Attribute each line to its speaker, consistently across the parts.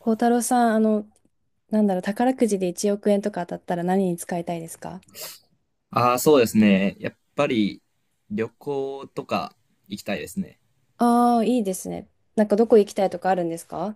Speaker 1: 孝太郎さん、なんだろう、宝くじで1億円とか当たったら何に使いたいですか？
Speaker 2: ああ、そうですね。やっぱり旅行とか行きたいですね。
Speaker 1: ああー、いいですね。なんかどこ行きたいとかあるんですか？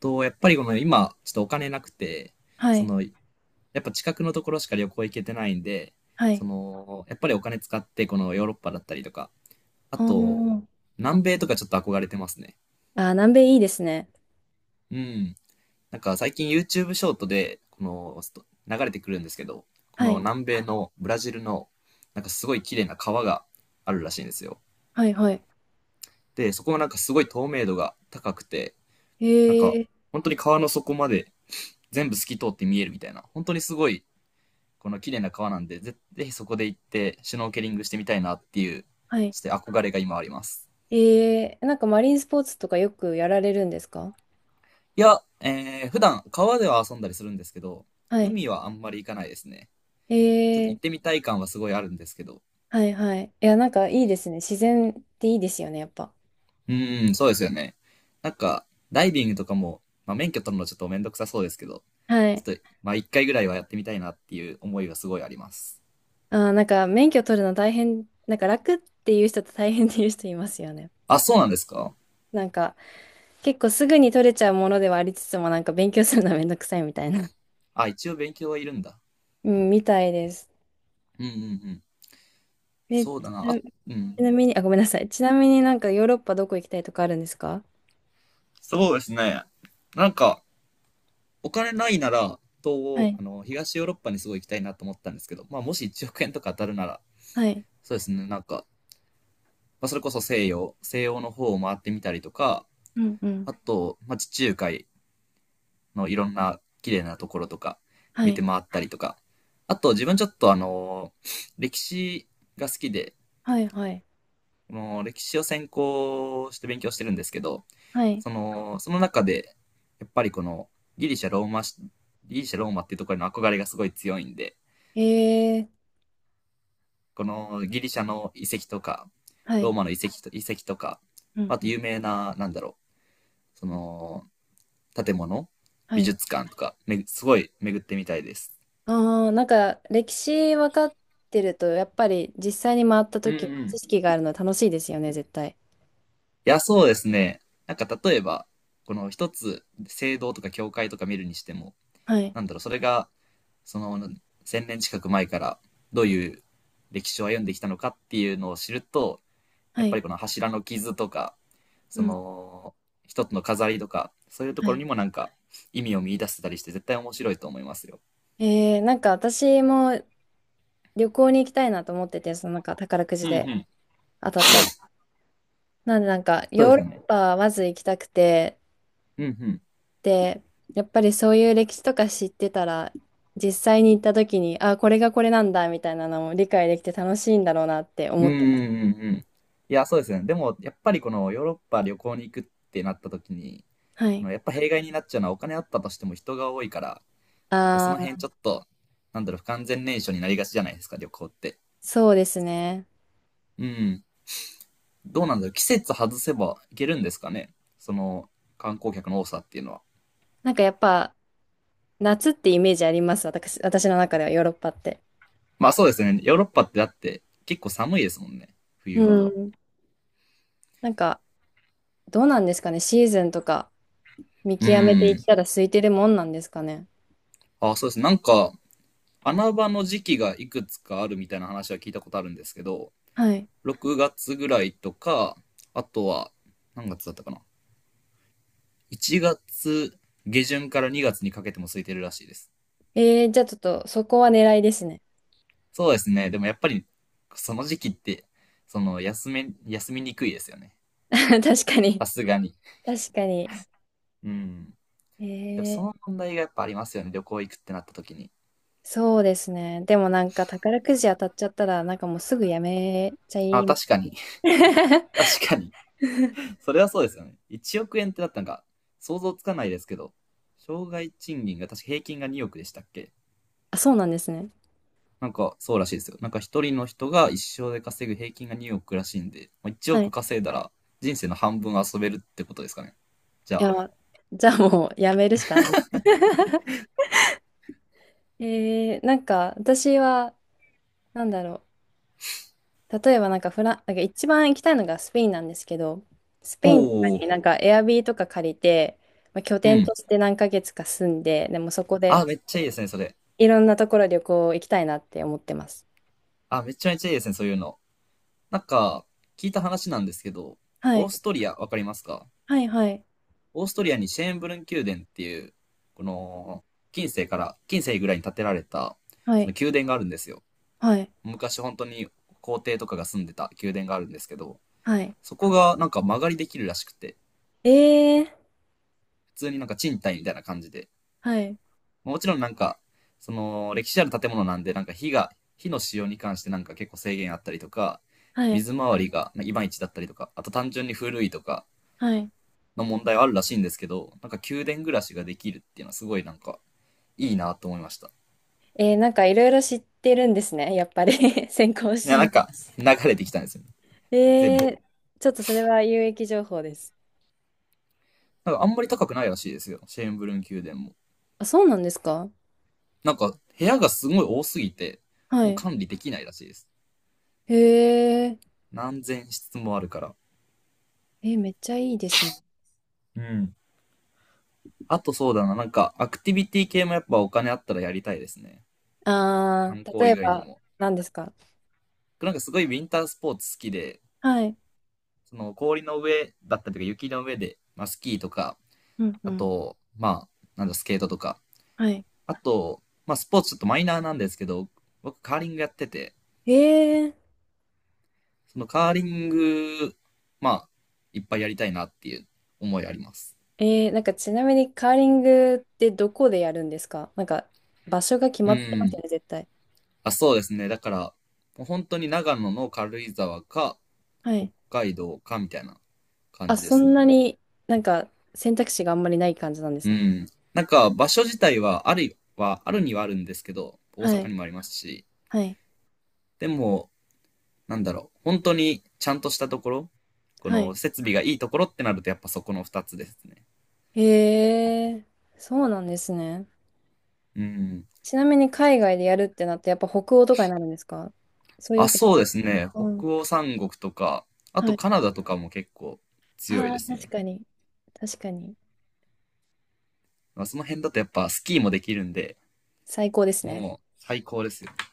Speaker 2: やっぱりこの今、ちょっとお金なくて、
Speaker 1: はい、
Speaker 2: やっぱ近くのところしか旅行行けてないんで、
Speaker 1: はい。
Speaker 2: やっぱりお金使って、このヨーロッパだったりとか、あ
Speaker 1: あ
Speaker 2: と、
Speaker 1: ー
Speaker 2: 南米とかちょっと憧れてますね。
Speaker 1: あー、南米いいですね。
Speaker 2: うん。なんか最近 YouTube ショートで、この、スト流れてくるんですけど、こ
Speaker 1: は
Speaker 2: の
Speaker 1: い、
Speaker 2: 南米のブラジルの、なんかすごい綺麗な川があるらしいんですよ。
Speaker 1: はい、はい。
Speaker 2: で、そこはなんかすごい透明度が高くて、
Speaker 1: え
Speaker 2: なんか、
Speaker 1: え、
Speaker 2: 本当に川の底まで全部透き通って見えるみたいな、本当にすごい、この綺麗な川なんで、ぜひそこで行って、シュノーケリングしてみたいなっていう、
Speaker 1: はい。
Speaker 2: ちょっと憧れが今あります。
Speaker 1: ええ、なんかマリンスポーツとかよくやられるんですか？
Speaker 2: いや、普段川では遊んだりするんですけど、
Speaker 1: はい。
Speaker 2: 海はあんまり行かないですね。
Speaker 1: え
Speaker 2: ちょっと行
Speaker 1: え、
Speaker 2: ってみたい感はすごいあるんですけど。
Speaker 1: はい、はい。いや、なんかいいですね。自然っていいですよね、やっぱ。
Speaker 2: うーん、そうですよね。なんか、ダイビングとかも、まあ、免許取るのちょっとめんどくさそうですけど、
Speaker 1: はい。
Speaker 2: ちょっと、まあ、一回ぐらいはやってみたいなっていう思いはすごいあります。
Speaker 1: あー、なんか免許取るの大変、なんか楽っていう人と大変っていう人いますよね。
Speaker 2: あ、そうなんですか？
Speaker 1: なんか、結構すぐに取れちゃうものではありつつも、なんか勉強するのはめんどくさいみたいな。
Speaker 2: あ、一応勉強はいるんだ。
Speaker 1: うん、みたいです。
Speaker 2: うんうんうん。
Speaker 1: で、ち
Speaker 2: そうだな。
Speaker 1: な
Speaker 2: あ、う
Speaker 1: ち
Speaker 2: ん。
Speaker 1: なみに、あ、ごめんなさい。ちなみになんかヨーロッパどこ行きたいとかあるんですか？
Speaker 2: そうですね。なんか、お金ないなら、東
Speaker 1: は
Speaker 2: 欧、
Speaker 1: い、
Speaker 2: 東ヨーロッパにすごい行きたいなと思ったんですけど、まあ、もし1億円とか当たるなら、
Speaker 1: はい、
Speaker 2: そうですね。なんか、まあ、それこそ西洋の方を回ってみたりとか、
Speaker 1: うんうん、
Speaker 2: あと、まあ、地中海のいろんな綺麗なところとか、
Speaker 1: は
Speaker 2: 見て
Speaker 1: い、
Speaker 2: 回ったりとか、あと、自分ちょっと歴史が好きで、
Speaker 1: はい、はい、
Speaker 2: も歴史を専攻して勉強してるんですけど、
Speaker 1: はい、
Speaker 2: その中で、やっぱりこのギリシャ、ローマし、ギリシャ、ローマっていうところへの憧れがすごい強いんで、
Speaker 1: えー、
Speaker 2: このギリシャの遺跡とか、
Speaker 1: は
Speaker 2: ロー
Speaker 1: い、
Speaker 2: マの遺跡とか、
Speaker 1: うん
Speaker 2: あ
Speaker 1: う
Speaker 2: と
Speaker 1: ん、
Speaker 2: 有名な、なんだろう、建物、
Speaker 1: は
Speaker 2: 美
Speaker 1: い。
Speaker 2: 術館とか、すごい巡ってみたいです。
Speaker 1: ああ、なんか歴史分かってると、やっぱり実際に回った
Speaker 2: うんう
Speaker 1: 時、
Speaker 2: ん。
Speaker 1: 知
Speaker 2: い
Speaker 1: 識があるの楽しいですよね、絶対。
Speaker 2: や、そうですね。なんか例えば、この一つ、聖堂とか教会とか見るにしても、
Speaker 1: はい、
Speaker 2: なんだろう、それがその1000年近く前からどういう歴史を歩んできたのかっていうのを知ると、や
Speaker 1: は
Speaker 2: っぱり
Speaker 1: い、
Speaker 2: この柱の傷とか、
Speaker 1: う
Speaker 2: そ
Speaker 1: ん、
Speaker 2: の一つの飾りとか、そういうと
Speaker 1: は
Speaker 2: ころ
Speaker 1: い。
Speaker 2: にもなんか意味を見出せたりして絶対面白いと思いますよ。
Speaker 1: なんか私も旅行に行きたいなと思ってて、そのなんか宝く
Speaker 2: う
Speaker 1: じ
Speaker 2: んう
Speaker 1: で
Speaker 2: ん。
Speaker 1: 当たった。なんでなんか
Speaker 2: そうで
Speaker 1: ヨー
Speaker 2: す
Speaker 1: ロ
Speaker 2: よね。
Speaker 1: ッパはまず行きたくて、
Speaker 2: うんうん。
Speaker 1: で、やっぱりそういう歴史とか知ってたら、実際に行った時に、あ、これがこれなんだみたいなのも理解できて楽しいんだろうなって
Speaker 2: う
Speaker 1: 思
Speaker 2: ん
Speaker 1: っ
Speaker 2: う
Speaker 1: てます。
Speaker 2: んうんうん。いや、そうですよね。でも、やっぱりこのヨーロッパ旅行に行くってなった時に、
Speaker 1: は
Speaker 2: こ
Speaker 1: い。
Speaker 2: のやっぱ弊害になっちゃうのはお金あったとしても人が多いから、そ
Speaker 1: あ
Speaker 2: の辺ち
Speaker 1: あ、
Speaker 2: ょっと、なんだろう、不完全燃焼になりがちじゃないですか、旅行って。
Speaker 1: そうですね。
Speaker 2: うん。どうなんだろう。季節外せばいけるんですかね。その観光客の多さっていうのは。
Speaker 1: なんかやっぱ夏ってイメージあります、私の中ではヨーロッパって。
Speaker 2: まあそうですね。ヨーロッパってだって結構寒いですもんね。
Speaker 1: う
Speaker 2: 冬は。
Speaker 1: ん。なんかどうなんですかね、シーズンとか見
Speaker 2: う
Speaker 1: 極めてい
Speaker 2: ん。
Speaker 1: ったら空いてるもんなんですかね。
Speaker 2: あ、そうですね。なんか穴場の時期がいくつかあるみたいな話は聞いたことあるんですけど、
Speaker 1: はい。
Speaker 2: 6月ぐらいとか、あとは何月だったかな。1月下旬から2月にかけても空いてるらしいです。
Speaker 1: えー、じゃあちょっとそこは狙いですね。
Speaker 2: そうですね。でもやっぱりその時期って、休みにくいですよね。
Speaker 1: 確か
Speaker 2: さ
Speaker 1: に。
Speaker 2: すがに。
Speaker 1: 確かに。
Speaker 2: うん。
Speaker 1: え
Speaker 2: やっぱその
Speaker 1: ー、
Speaker 2: 問題がやっぱありますよね、旅行行くってなった時に。
Speaker 1: そうですね。でもなんか宝くじ当たっちゃったら、なんかもうすぐやめちゃ
Speaker 2: あ、
Speaker 1: います。
Speaker 2: 確かに。確かに。それはそうですよね。1億円ってなったんか、想像つかないですけど、障害賃金が確か平均が2億でしたっけ？
Speaker 1: あ、そうなんですね。
Speaker 2: なんかそうらしいですよ。なんか一人の人が一生で稼ぐ平均が2億らしいんで、まあ1
Speaker 1: は
Speaker 2: 億
Speaker 1: い。
Speaker 2: 稼いだら人生の半分遊べるってことですかね。じゃ
Speaker 1: い
Speaker 2: あ。
Speaker 1: や、じゃあもうやめるしかない。なんか私は、なんだろう。例えばなんかフラン、なんか一番行きたいのがスペインなんですけど、スペ
Speaker 2: お
Speaker 1: インとか
Speaker 2: お、
Speaker 1: になんかエアビーとか借りて、まあ、拠
Speaker 2: う
Speaker 1: 点
Speaker 2: ん。
Speaker 1: として何ヶ月か住んで、でもそこで、
Speaker 2: あ、めっちゃいいですね、それ。
Speaker 1: いろんなところ旅行行きたいなって思ってます。
Speaker 2: あ、めちゃめちゃいいですね、そういうの。なんか、聞いた話なんですけど、
Speaker 1: は
Speaker 2: オー
Speaker 1: い。
Speaker 2: ストリア、わかりますか？
Speaker 1: はい、はい、
Speaker 2: オーストリアにシェーンブルン宮殿っていう、この、近世ぐらいに建てられた、
Speaker 1: は
Speaker 2: そ
Speaker 1: い、
Speaker 2: の宮殿があるんですよ。
Speaker 1: はい、
Speaker 2: 昔本当に皇帝とかが住んでた宮殿があるんですけど、
Speaker 1: はい。
Speaker 2: そこがなんか間借りできるらしくて、
Speaker 1: えー、
Speaker 2: 普通になんか賃貸みたいな感じで、
Speaker 1: はい、
Speaker 2: まあもちろんなんか、その歴史ある建物なんで、なんか火の使用に関してなんか結構制限あったりとか、
Speaker 1: はい、
Speaker 2: 水回りがいまいちだったりとか、あと単純に古いとか
Speaker 1: はい。
Speaker 2: の問題はあるらしいんですけど、なんか宮殿暮らしができるっていうのはすごいなんかいいなと思いました。
Speaker 1: えー、なんかいろいろ知ってるんですね。やっぱり 先行し
Speaker 2: いや、な
Speaker 1: て
Speaker 2: ん
Speaker 1: る。
Speaker 2: か、流れてきたんですよね。
Speaker 1: え
Speaker 2: 全部。
Speaker 1: ー、ちょっとそれは有益情報です。
Speaker 2: なんか、あんまり高くないらしいですよ。シェーンブルン宮殿も。
Speaker 1: あ、そうなんですか？
Speaker 2: なんか、部屋がすごい多すぎて、
Speaker 1: は
Speaker 2: もう
Speaker 1: い。
Speaker 2: 管理できないらしいです。
Speaker 1: へえ、
Speaker 2: 何千室もあるから。
Speaker 1: えー、めっちゃいいですね。
Speaker 2: うん。あとそうだな、なんか、アクティビティ系もやっぱお金あったらやりたいですね。
Speaker 1: あ
Speaker 2: 観
Speaker 1: ー、
Speaker 2: 光
Speaker 1: 例
Speaker 2: 以
Speaker 1: え
Speaker 2: 外に
Speaker 1: ば、
Speaker 2: も。
Speaker 1: 何ですか？
Speaker 2: なんかすごいウィンタースポーツ好きで、
Speaker 1: はい。
Speaker 2: その氷の上だったりとか雪の上で、まあスキーとか、
Speaker 1: うんう
Speaker 2: あ
Speaker 1: ん。
Speaker 2: と、まあ、なんだ、スケートとか。
Speaker 1: はい。
Speaker 2: あと、まあスポーツちょっとマイナーなんですけど、僕カーリングやってて、
Speaker 1: えー、
Speaker 2: そのカーリング、まあ、いっぱいやりたいなっていう思いあります。
Speaker 1: えー、なんかちなみにカーリングってどこでやるんですか？なんか場所が決
Speaker 2: う
Speaker 1: まってます
Speaker 2: ん。
Speaker 1: よね、絶対。
Speaker 2: あ、そうですね。だから、もう本当に長野の軽井沢か、
Speaker 1: は
Speaker 2: 北
Speaker 1: い。
Speaker 2: 海道かみたいな感
Speaker 1: あ、
Speaker 2: じで
Speaker 1: そ
Speaker 2: す
Speaker 1: んな
Speaker 2: ね。
Speaker 1: になんか選択肢があんまりない感じなんです
Speaker 2: う
Speaker 1: ね。
Speaker 2: ん。なんか、場所自体は、あるにはあるんですけど、大
Speaker 1: は
Speaker 2: 阪に
Speaker 1: い。
Speaker 2: もありますし、
Speaker 1: はい。
Speaker 2: でも、なんだろう、本当にちゃんとしたところ、こ
Speaker 1: は
Speaker 2: の
Speaker 1: い。
Speaker 2: 設備がいいところってなると、やっぱそこの2つですね。
Speaker 1: へえ、そうなんですね。
Speaker 2: うん。
Speaker 1: ちなみに海外でやるってなってやっぱ北欧とかになるんですか？そういう
Speaker 2: あ、
Speaker 1: わけじ
Speaker 2: そ
Speaker 1: ゃ
Speaker 2: う
Speaker 1: ない。
Speaker 2: ですね。
Speaker 1: うん。
Speaker 2: 北欧三国とか、あ
Speaker 1: は
Speaker 2: と
Speaker 1: い。
Speaker 2: カナダとかも結構強い
Speaker 1: あ
Speaker 2: で
Speaker 1: あ、
Speaker 2: す
Speaker 1: 確
Speaker 2: ね。
Speaker 1: かに。確かに。
Speaker 2: まあ、その辺だとやっぱスキーもできるんで、
Speaker 1: 最高ですね。
Speaker 2: もう最高ですよ。だか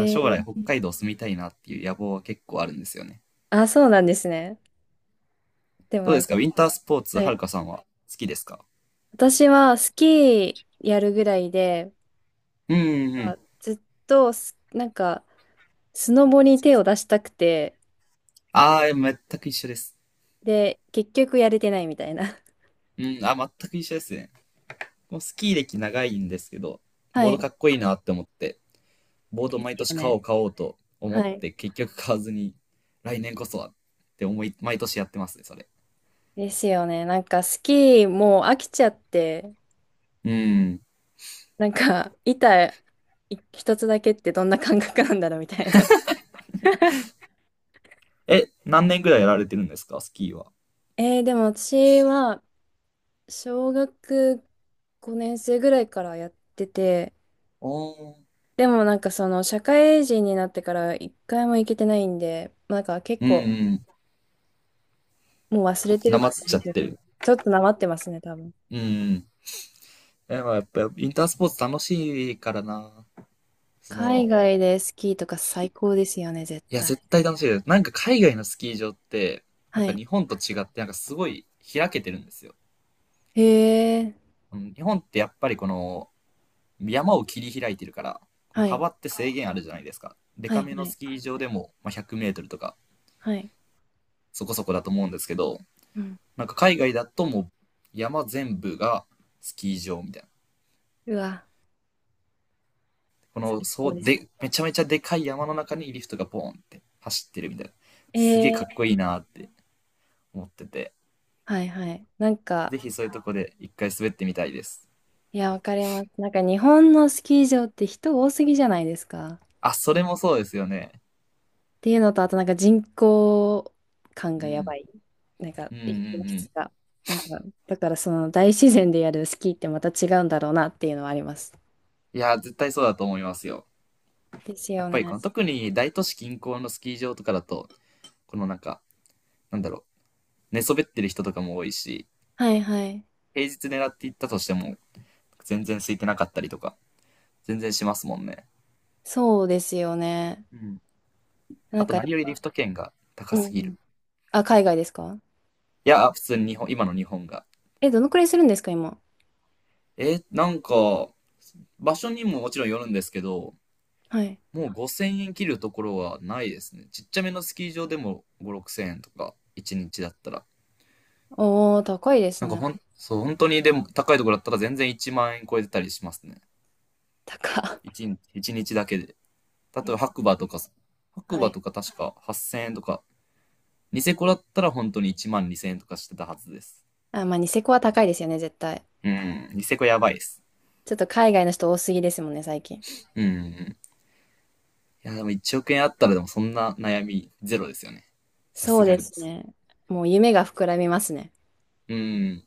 Speaker 2: ら将来
Speaker 1: ー、
Speaker 2: 北海道住みたいなっていう野望は結構あるんですよね。
Speaker 1: あ、そうなんですね。でも
Speaker 2: どう
Speaker 1: な
Speaker 2: で
Speaker 1: ん
Speaker 2: す
Speaker 1: か、
Speaker 2: かウィンタースポーツ、
Speaker 1: は
Speaker 2: はる
Speaker 1: い、
Speaker 2: かさんは好きですか？
Speaker 1: 私はスキーやるぐらいで、
Speaker 2: うんうんうん。
Speaker 1: あ、ずっとなんかスノボに手を出したくて、
Speaker 2: ああ、全く一緒です。
Speaker 1: で、結局やれてないみたいな。
Speaker 2: うん、あ、全く一緒ですね。もうスキー歴長いんですけど、
Speaker 1: は
Speaker 2: ボード
Speaker 1: い。
Speaker 2: かっこいいなって思って、ボード
Speaker 1: です
Speaker 2: 毎年
Speaker 1: よ
Speaker 2: 買お
Speaker 1: ね。
Speaker 2: う買おうと思
Speaker 1: は
Speaker 2: っ
Speaker 1: い。
Speaker 2: て、結局買わずに、来年こそはって思い、毎年やってますね、それ。
Speaker 1: ですよね。なんかスキーもう飽きちゃって、
Speaker 2: うん。
Speaker 1: なんか板一つだけってどんな感覚なんだろうみたいな。
Speaker 2: え、何年ぐらいやられてるんですか、スキーは？
Speaker 1: でも私は小学5年生ぐらいからやってて、
Speaker 2: おー。
Speaker 1: でもなんかその社会人になってから一回も行けてないんで、なんか結
Speaker 2: うん
Speaker 1: 構
Speaker 2: うん。
Speaker 1: もう忘れて
Speaker 2: な
Speaker 1: る
Speaker 2: ま
Speaker 1: か
Speaker 2: っ
Speaker 1: も
Speaker 2: ちゃ
Speaker 1: し
Speaker 2: っ
Speaker 1: れ
Speaker 2: て
Speaker 1: な
Speaker 2: る。
Speaker 1: い。ちょっとなまってますね、多分。
Speaker 2: うんうん。え、まあ、やっぱ、インタースポーツ楽しいからな。その、
Speaker 1: 海外でスキーとか最高ですよね、絶
Speaker 2: いや、
Speaker 1: 対。
Speaker 2: 絶対楽しいです。なんか海外のスキー場って、なん
Speaker 1: は
Speaker 2: か
Speaker 1: い。
Speaker 2: 日本と違って、なんかすごい開けてるんですよ。
Speaker 1: へえ。
Speaker 2: うん日本ってやっぱり山を切り開いてるから、この
Speaker 1: はい。
Speaker 2: 幅って制限あるじゃないですか。デ
Speaker 1: は
Speaker 2: カ
Speaker 1: い
Speaker 2: め
Speaker 1: は
Speaker 2: の
Speaker 1: い。
Speaker 2: スキー場でも、まあ、100メートルとか
Speaker 1: はい。
Speaker 2: そこそこだと思うんですけど、
Speaker 1: うん。
Speaker 2: なんか海外だともう山全部がスキー場みたいな。
Speaker 1: うわ、最
Speaker 2: そ
Speaker 1: 高
Speaker 2: う、
Speaker 1: です。
Speaker 2: で、めちゃめちゃでかい山の中にリフトがボーンって走ってるみたいな。すげえ
Speaker 1: え
Speaker 2: かっこ
Speaker 1: え。
Speaker 2: いいなって思ってて、
Speaker 1: はいはい。なんか、
Speaker 2: ぜひそういうとこで一回滑ってみたいです。
Speaker 1: いや、わかります。なんか日本のスキー場って人多すぎじゃないですか。
Speaker 2: あ、それもそうですよね。
Speaker 1: っていうのと、あとなんか人口感
Speaker 2: う
Speaker 1: がやば
Speaker 2: ん。
Speaker 1: い。なんか、
Speaker 2: うんう
Speaker 1: 雪の
Speaker 2: んう
Speaker 1: 質
Speaker 2: ん。
Speaker 1: が。なんか、だからその大自然でやるスキーってまた違うんだろうなっていうのはあります。
Speaker 2: いや、絶対そうだと思いますよ。
Speaker 1: です
Speaker 2: や
Speaker 1: よ
Speaker 2: っぱりこ
Speaker 1: ね。
Speaker 2: の特に大都市近郊のスキー場とかだと、このなんか、なんだろう、寝そべってる人とかも多いし、
Speaker 1: はいはい。
Speaker 2: 平日狙っていったとしても、全然空いてなかったりとか、全然しますもんね。
Speaker 1: そうですよね。
Speaker 2: うん。
Speaker 1: な
Speaker 2: あ
Speaker 1: ん
Speaker 2: と
Speaker 1: かや
Speaker 2: 何
Speaker 1: っ
Speaker 2: よりリ
Speaker 1: ぱ、
Speaker 2: フト券が高
Speaker 1: うんう
Speaker 2: すぎる。
Speaker 1: ん。あ、海外ですか？
Speaker 2: いや、普通に今の日本が。
Speaker 1: え、どのくらいするんですか、今。
Speaker 2: え、なんか、場所にももちろんよるんですけど、
Speaker 1: はい。
Speaker 2: もう5000円切るところはないですね。ちっちゃめのスキー場でも5、6000円とか、1日だったら。
Speaker 1: おー、高いです
Speaker 2: なんか
Speaker 1: ね。
Speaker 2: そう、本当にでも高いところだったら全然1万円超えてたりしますね。
Speaker 1: 高。
Speaker 2: 1日、一日だけで。例えば
Speaker 1: え、
Speaker 2: 白
Speaker 1: は
Speaker 2: 馬
Speaker 1: い。
Speaker 2: とか確か8000円とか、ニセコだったら本当に1万2000円とかしてたはずです。
Speaker 1: あ、まあ、ニセコは高いですよね、絶対。
Speaker 2: うん、ニセコやばいです。
Speaker 1: ちょっと海外の人多すぎですもんね、最近。
Speaker 2: うんうん。いや、でも1億円あったらでもそんな悩みゼロですよね。さ
Speaker 1: そ
Speaker 2: す
Speaker 1: う
Speaker 2: が
Speaker 1: で
Speaker 2: に。
Speaker 1: すね。もう夢が膨らみますね。
Speaker 2: うん。